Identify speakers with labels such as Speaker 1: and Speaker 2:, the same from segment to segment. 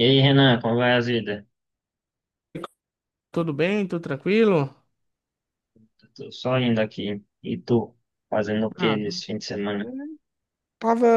Speaker 1: E aí, Renan, como vai a vida?
Speaker 2: Tudo bem? Tudo tranquilo?
Speaker 1: Tô só indo aqui. E tu, fazendo o que
Speaker 2: Ah,
Speaker 1: esse fim de semana?
Speaker 2: Tava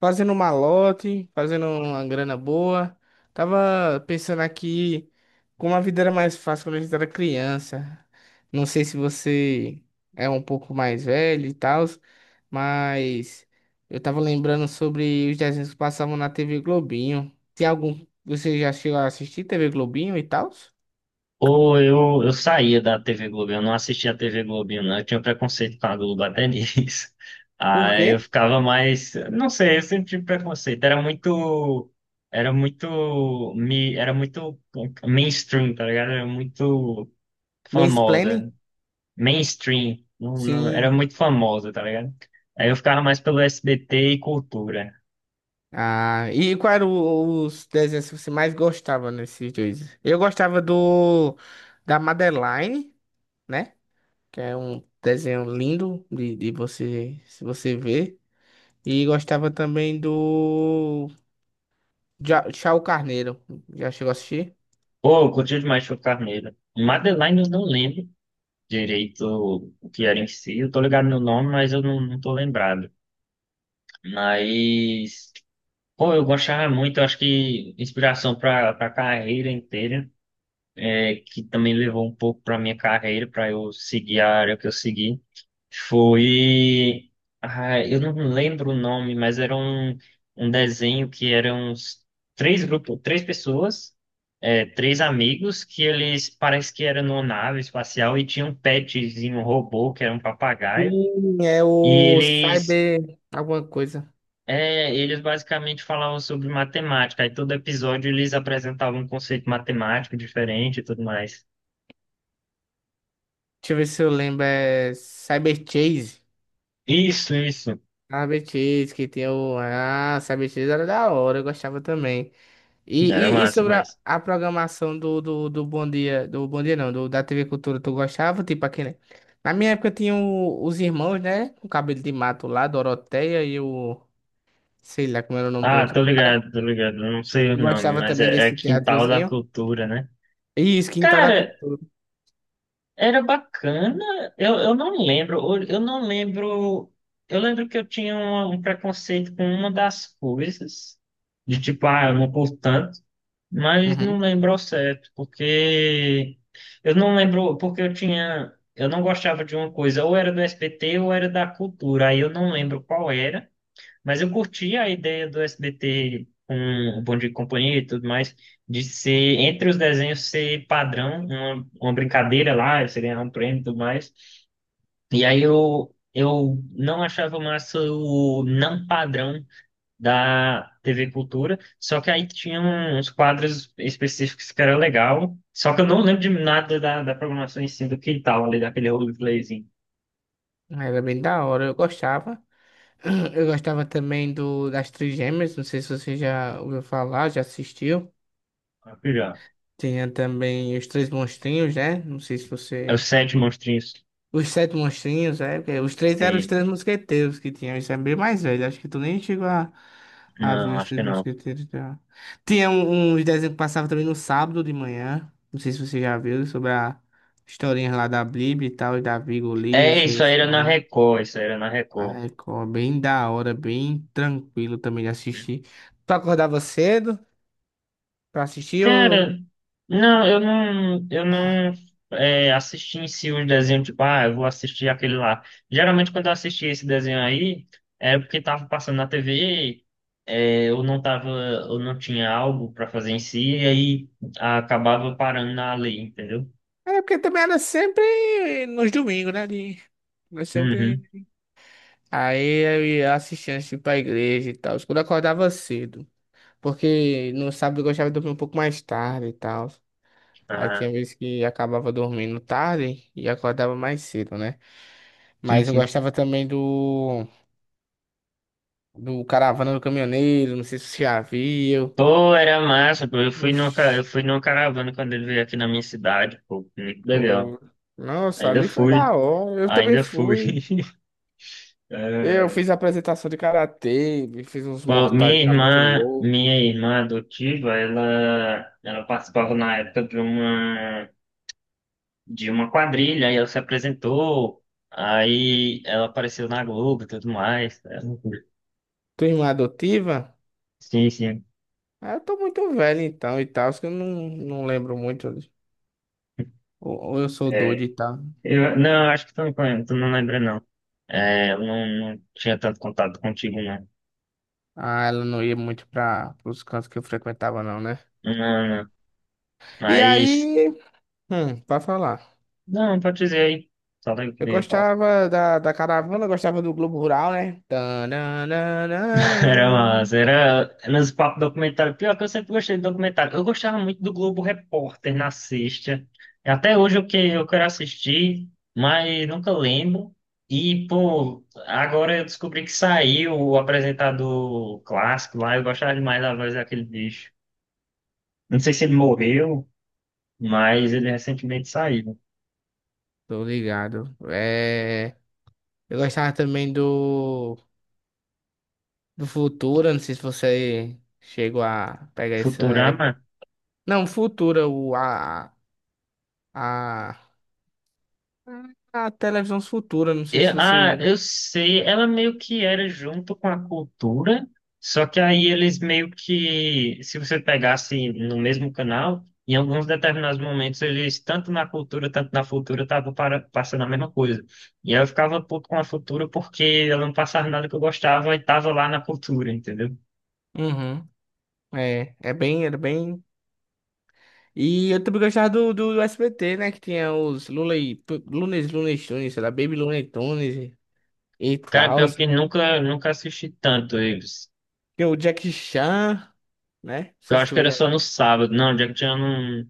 Speaker 2: fazendo um malote, fazendo uma grana boa. Tava pensando aqui como a vida era mais fácil quando a gente era criança. Não sei se você é um pouco mais velho e tal, mas eu tava lembrando sobre os desenhos que passavam na TV Globinho. Tem algum. Você já chegou a assistir TV Globinho e tal?
Speaker 1: Ou eu saía da TV Globo, eu não assistia a TV Globo, não. Eu tinha preconceito com a Globo até nisso.
Speaker 2: Por
Speaker 1: Aí
Speaker 2: quê?
Speaker 1: eu ficava mais. Não sei, eu sempre tive preconceito. Era muito. Era muito mainstream, tá ligado? Era muito
Speaker 2: Mansplaining?
Speaker 1: famosa. Mainstream. Era
Speaker 2: Sim.
Speaker 1: muito famosa, tá ligado? Aí eu ficava mais pelo SBT e cultura.
Speaker 2: Ah, e qual era os desenhos que você mais gostava nesses dois? Eu gostava do da Madeline, né? Que é um desenho lindo de você se você ver. E gostava também do Chao Carneiro. Já chegou a assistir?
Speaker 1: Pô, eu curti demais Show Carneiro. Madeline eu não lembro direito o que era em si. Eu tô ligado no nome, mas eu não tô lembrado. Mas, pô, eu gostava muito. Eu acho que inspiração pra carreira inteira, que também levou um pouco pra minha carreira, pra eu seguir a área que eu segui. Foi. Ah, eu não lembro o nome, mas era um desenho que eram uns três grupos, três pessoas, três amigos, que eles parece que eram numa nave espacial e tinha um petzinho, um robô, que era um papagaio.
Speaker 2: Sim, é
Speaker 1: E
Speaker 2: o
Speaker 1: eles,
Speaker 2: Cyber alguma coisa.
Speaker 1: é, eles basicamente falavam sobre matemática. Aí todo episódio eles apresentavam um conceito matemático diferente e tudo mais.
Speaker 2: Deixa eu ver se eu lembro. É Cyber Chase.
Speaker 1: Isso, isso.
Speaker 2: Cyber Chase, que tem o. Ah, Cyber Chase era da hora, eu gostava também.
Speaker 1: Era
Speaker 2: E
Speaker 1: massa,
Speaker 2: sobre a,
Speaker 1: mas.
Speaker 2: a programação do Bom Dia, do Bom Dia não, do, da TV Cultura, tu gostava? Tipo aquele. Na minha época tinha os irmãos, né? Com cabelo de mato lá, Doroteia e o. Sei lá como era o nome do
Speaker 1: Ah,
Speaker 2: outro
Speaker 1: tô
Speaker 2: cara.
Speaker 1: ligado, tô ligado. Eu não sei o
Speaker 2: Tu
Speaker 1: nome,
Speaker 2: gostava
Speaker 1: mas
Speaker 2: também
Speaker 1: é
Speaker 2: desse
Speaker 1: Quintal da
Speaker 2: teatrozinho.
Speaker 1: Cultura, né?
Speaker 2: E isso, Quintal da
Speaker 1: Cara,
Speaker 2: Cultura.
Speaker 1: era bacana. Eu não lembro. Eu não lembro. Eu lembro que eu tinha um preconceito com uma das coisas, de tipo, ah, eu não por tanto, mas não
Speaker 2: Uhum.
Speaker 1: lembro ao certo, porque eu não lembro, porque eu tinha. Eu não gostava de uma coisa, ou era do SBT ou era da cultura, aí eu não lembro qual era. Mas eu curti a ideia do SBT com o Bom Dia e Companhia e tudo mais, de ser, entre os desenhos, ser padrão, uma brincadeira lá, você ganhar um prêmio e tudo mais. E aí eu não achava massa o não padrão da TV Cultura, só que aí tinha uns quadros específicos que era legal, só que eu não lembro de nada da programação em si, do que tal, ali, daquele roleplayzinho.
Speaker 2: Era bem da hora, eu gostava. Eu gostava também do das Trigêmeas, não sei se você já ouviu falar, já assistiu.
Speaker 1: Já.
Speaker 2: Tinha também os Três Monstrinhos, né? Não sei se
Speaker 1: É os
Speaker 2: você.
Speaker 1: sete monstrinhos.
Speaker 2: Os Sete Monstrinhos, é, porque os três eram os
Speaker 1: Sei.
Speaker 2: Três Mosqueteiros que tinham, isso é bem mais velho, acho que tu nem chegou a ver
Speaker 1: Não,
Speaker 2: os
Speaker 1: acho
Speaker 2: Três
Speaker 1: que não.
Speaker 2: Mosqueteiros já. Uns desenhos que passavam também no sábado de manhã, não sei se você já viu, sobre a historinha lá da Bíblia e tal, e da Davi, e Golias,
Speaker 1: É,
Speaker 2: Rei
Speaker 1: isso aí era na
Speaker 2: Salomão,
Speaker 1: Record, isso aí era na
Speaker 2: na
Speaker 1: Record.
Speaker 2: Record, bem da hora, bem tranquilo também de assistir. Tu acordava cedo pra assistir ou...
Speaker 1: Cara, não, eu não assisti em si os desenhos, tipo, ah, eu vou assistir aquele lá. Geralmente quando eu assistia esse desenho aí, é porque tava passando na TV, eu não tava, eu não tinha algo pra fazer em si, e aí acabava parando na lei, entendeu?
Speaker 2: É, porque também era sempre nos domingos, né, de... Mas sempre
Speaker 1: Uhum.
Speaker 2: aí eu ia assistir antes de ir pra igreja e tal. Quando eu acordava cedo. Porque no sábado eu gostava de dormir um pouco mais tarde e tal. Aí
Speaker 1: Ah,
Speaker 2: tinha vezes que acabava dormindo tarde e acordava mais cedo, né?
Speaker 1: sim,
Speaker 2: Mas eu
Speaker 1: sim.
Speaker 2: gostava também do Caravana do Caminhoneiro, não sei se você já viu.
Speaker 1: Pô, era massa, pô. Eu fui numa, ca- eu
Speaker 2: Oxi,
Speaker 1: fui numa caravana quando ele veio aqui na minha cidade, pô, muito legal.
Speaker 2: pô. Nossa,
Speaker 1: Ainda
Speaker 2: ali foi da
Speaker 1: fui.
Speaker 2: hora. Eu também
Speaker 1: Ainda fui.
Speaker 2: fui. Eu
Speaker 1: É.
Speaker 2: fiz apresentação de karatê, fiz uns
Speaker 1: Bom, minha
Speaker 2: mortais lá muito
Speaker 1: irmã,
Speaker 2: louco.
Speaker 1: minha irmã adotiva, ela participava na época de uma quadrilha, e ela se apresentou, aí ela apareceu na Globo e tudo mais. É, loucura.
Speaker 2: Tua irmã adotiva?
Speaker 1: Sim, sim.
Speaker 2: Ah, eu tô muito velho então e tal, acho que eu não, não lembro muito. Ou eu sou doido
Speaker 1: É,
Speaker 2: e tal.
Speaker 1: não, acho que tu não, tu não lembra, não. É, eu não tinha tanto contato contigo, não.
Speaker 2: Ah, ela não ia muito para os cantos que eu frequentava, não, né?
Speaker 1: Não, não.
Speaker 2: E
Speaker 1: Mas,
Speaker 2: aí, pra falar.
Speaker 1: não, pode dizer aí. Só daí que
Speaker 2: Eu
Speaker 1: eu ia falar.
Speaker 2: gostava da, da caravana, gostava do Globo Rural, né?
Speaker 1: Era
Speaker 2: Tananana.
Speaker 1: massa, era nos papos documentários. Pior que eu sempre gostei de documentário. Eu gostava muito do Globo Repórter na sexta. Até hoje o que eu quero assistir, mas nunca lembro. E, pô, agora eu descobri que saiu o apresentador clássico lá. Eu gostava demais da voz daquele bicho. Não sei se ele morreu, mas ele recentemente saiu.
Speaker 2: Tô ligado. É, eu gostava também do Futura, não sei se você chegou a pegar essa
Speaker 1: Futurama.
Speaker 2: época. Não, Futura, a a televisão futura, não sei se
Speaker 1: Eu,
Speaker 2: você
Speaker 1: ah,
Speaker 2: viu.
Speaker 1: eu sei, ela meio que era junto com a cultura, só que aí eles meio que, se você pegasse no mesmo canal, em alguns determinados momentos eles, tanto na cultura, tanto na futura, estavam passando a mesma coisa. E aí eu ficava puto com a futura porque ela não passava nada que eu gostava e estava lá na cultura, entendeu?
Speaker 2: Uhum. É, é bem, era bem. E eu também gostava do SBT, né? Que tinha os Looney, Lunes, Lunes Tunes, sei lá, Baby Looney Tunes e
Speaker 1: Cara,
Speaker 2: tal.
Speaker 1: pior que nunca, nunca assisti tanto eles.
Speaker 2: Tem o Jack Chan, né? Não
Speaker 1: Eu
Speaker 2: sei se
Speaker 1: acho que
Speaker 2: tu
Speaker 1: era
Speaker 2: já
Speaker 1: só no sábado. Não, Jack Chan não,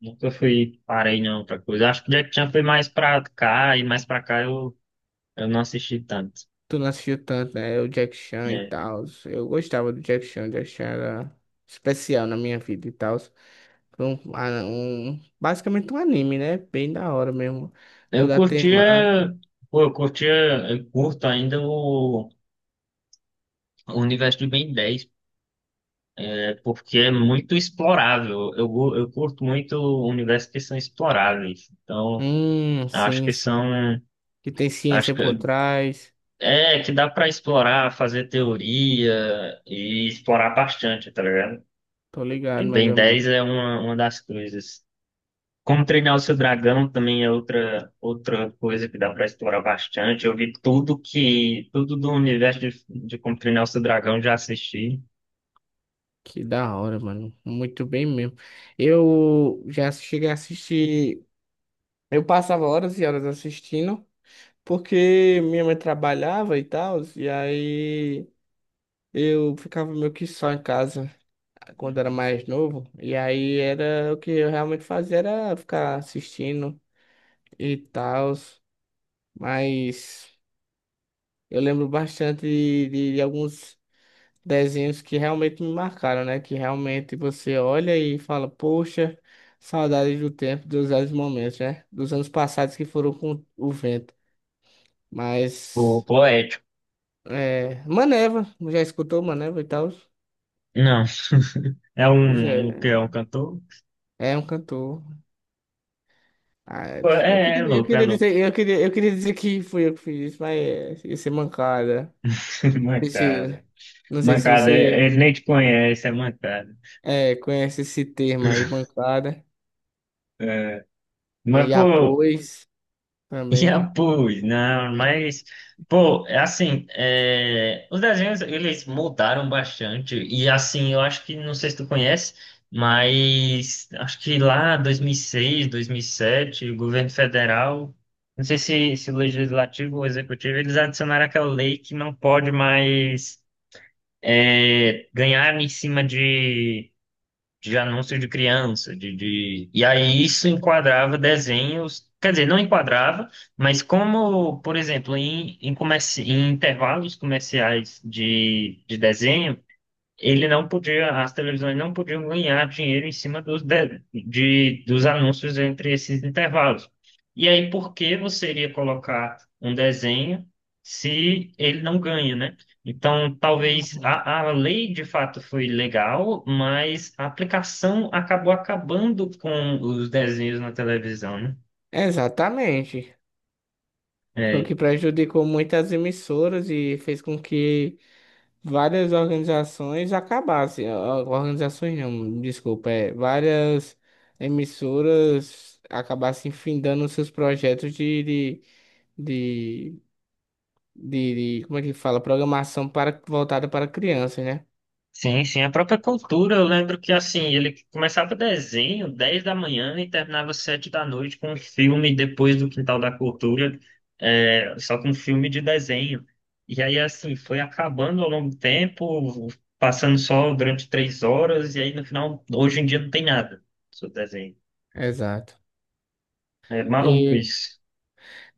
Speaker 1: nunca fui, parei não pra coisa. Acho que Jack Chan foi mais pra cá e mais pra cá eu não assisti tanto.
Speaker 2: tu não assistiu tanto, né? O Jack Chan e
Speaker 1: É.
Speaker 2: tal. Eu gostava do Jack Chan, o Jack Chan era especial na minha vida e tal. Foi um, um, basicamente um anime, né? Bem da hora mesmo.
Speaker 1: Eu
Speaker 2: Toda a temática.
Speaker 1: curtia, pô, eu curtia, eu curto ainda o universo de Ben 10, né, porque é muito explorável. Eu curto muito universos que são exploráveis. Então, acho
Speaker 2: Sim,
Speaker 1: que
Speaker 2: sim.
Speaker 1: são,
Speaker 2: Que tem
Speaker 1: acho
Speaker 2: ciência por
Speaker 1: que
Speaker 2: trás.
Speaker 1: é que dá pra explorar, fazer teoria e explorar bastante, tá ligado?
Speaker 2: Tô
Speaker 1: O
Speaker 2: ligado, mais
Speaker 1: Ben
Speaker 2: ou menos.
Speaker 1: 10 é uma das coisas. Como treinar o seu dragão também é outra coisa que dá para explorar bastante. Eu vi tudo do universo de como treinar o seu dragão, já assisti.
Speaker 2: Que da hora, mano. Muito bem mesmo. Eu já cheguei a assistir. Eu passava horas e horas assistindo, porque minha mãe trabalhava e tal, e aí eu ficava meio que só em casa quando era
Speaker 1: Uhum.
Speaker 2: mais novo. E aí era o que eu realmente fazia, era ficar assistindo e tal. Mas eu lembro bastante de alguns desenhos que realmente me marcaram, né? Que realmente você olha e fala, poxa, saudade do tempo, dos velhos momentos, né? Dos anos passados que foram com o vento.
Speaker 1: O
Speaker 2: Mas,
Speaker 1: poético.
Speaker 2: é, Maneva, já escutou Maneva e tal?
Speaker 1: Não,
Speaker 2: Pois é,
Speaker 1: o que é um cantor?
Speaker 2: é um cantor. Ah, é.
Speaker 1: Pô, É louco, é louco.
Speaker 2: Eu queria dizer que fui eu que fiz isso, mas é, ia ser mancada.
Speaker 1: Mancada.
Speaker 2: Esse- não sei se
Speaker 1: Mancada,
Speaker 2: você
Speaker 1: ele nem te conhece, é mancada.
Speaker 2: é, conhece esse termo aí, bancada.
Speaker 1: É, mas,
Speaker 2: E
Speaker 1: pô,
Speaker 2: após
Speaker 1: já
Speaker 2: também.
Speaker 1: pus, não, mas, pô, é, assim, os desenhos, eles mudaram bastante, e assim, eu acho que, não sei se tu conhece, mas acho que lá 2006, sete, o governo federal, não sei se o legislativo ou o executivo, eles adicionaram aquela lei que não pode mais ganhar em cima de anúncios de criança, E aí isso enquadrava desenhos, quer dizer, não enquadrava, mas como, por exemplo, em intervalos comerciais de desenho, ele não podia, as televisões não podiam ganhar dinheiro em cima dos anúncios entre esses intervalos. E aí, por que você iria colocar um desenho se ele não ganha, né? Então, talvez
Speaker 2: Uhum.
Speaker 1: a lei de fato foi legal, mas a aplicação acabou acabando com os desenhos na televisão, né?
Speaker 2: Exatamente. Foi o
Speaker 1: É,
Speaker 2: que prejudicou muitas emissoras e fez com que várias organizações acabassem. Ah, organizações não, desculpa, é, várias emissoras acabassem findando seus projetos de, de, de como é que fala? Programação para, voltada para crianças, né?
Speaker 1: sim, sim, a própria cultura, eu lembro que assim, ele começava desenho 10 da manhã e terminava 7 da noite com um filme depois do Quintal da Cultura, só com filme de desenho. E aí assim, foi acabando ao longo do tempo, passando só durante 3 horas, e aí no final, hoje em dia não tem nada sobre desenho.
Speaker 2: Exato.
Speaker 1: É maluco
Speaker 2: E
Speaker 1: isso.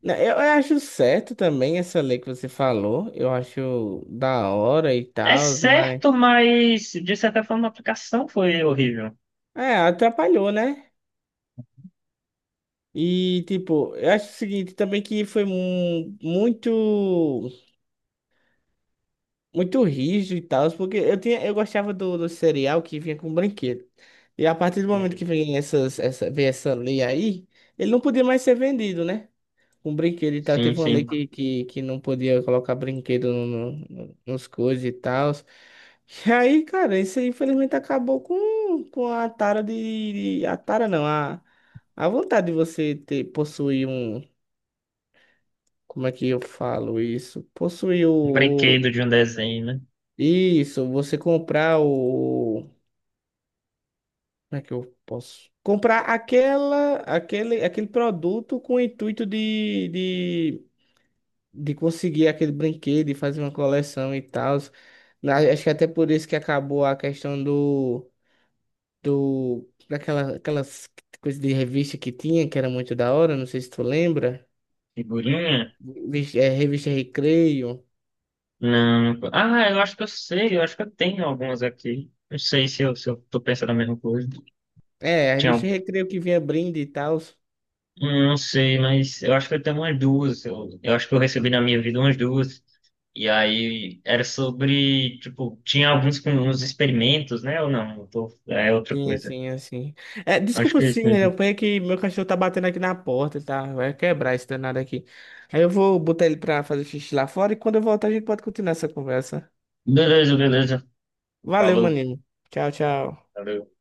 Speaker 2: né, eu acho certo também essa lei que você falou. Eu acho da hora e
Speaker 1: É
Speaker 2: tal, mas.
Speaker 1: certo, mas de certa forma a aplicação foi horrível.
Speaker 2: É, atrapalhou, né? E, tipo, eu acho o seguinte também que foi muito, muito rígido e tal, porque eu tinha, eu gostava do cereal que vinha com brinquedo. E a partir do momento que
Speaker 1: Uhum.
Speaker 2: vem vem essa lei aí, ele não podia mais ser vendido, né? com brinquedo e tal.
Speaker 1: Sim,
Speaker 2: Teve uma lei
Speaker 1: sim.
Speaker 2: que não podia colocar brinquedo no, nos coisas e tal. E aí, cara, isso aí infelizmente acabou com a tara A tara não, a vontade de você ter, possuir um. Como é que eu falo isso? Possuir o,
Speaker 1: Um
Speaker 2: o-
Speaker 1: brinquedo de um desenho, né?
Speaker 2: Isso, você comprar o. Como é que eu posso? Comprar aquela, aquele produto com o intuito de conseguir aquele brinquedo e fazer uma coleção e tal. Acho que até por isso que acabou a questão do, do daquela, aquelas coisas de revista que tinha, que era muito da hora, não sei se tu lembra.
Speaker 1: Figurinha.
Speaker 2: É, revista Recreio.
Speaker 1: Não. Ah, eu acho que eu sei, eu acho que eu tenho algumas aqui. Não sei se eu tô pensando a mesma coisa.
Speaker 2: É, a
Speaker 1: Tinha,
Speaker 2: revista Recreio que vinha brinde e tal.
Speaker 1: não sei, mas eu acho que eu tenho umas duas. Eu acho que eu recebi na minha vida umas duas. E aí era sobre, tipo, tinha alguns com uns experimentos, né? Ou não? É outra
Speaker 2: Sim,
Speaker 1: coisa.
Speaker 2: assim, assim. É,
Speaker 1: Acho
Speaker 2: desculpa,
Speaker 1: que é isso
Speaker 2: sim, eu
Speaker 1: mesmo.
Speaker 2: apanhei que meu cachorro tá batendo aqui na porta, tá? Vai quebrar esse danado aqui. Aí eu vou botar ele pra fazer xixi lá fora e quando eu voltar a gente pode continuar essa conversa.
Speaker 1: Beleza, beleza.
Speaker 2: Valeu,
Speaker 1: Falou.
Speaker 2: maninho. Tchau, tchau.
Speaker 1: Valeu.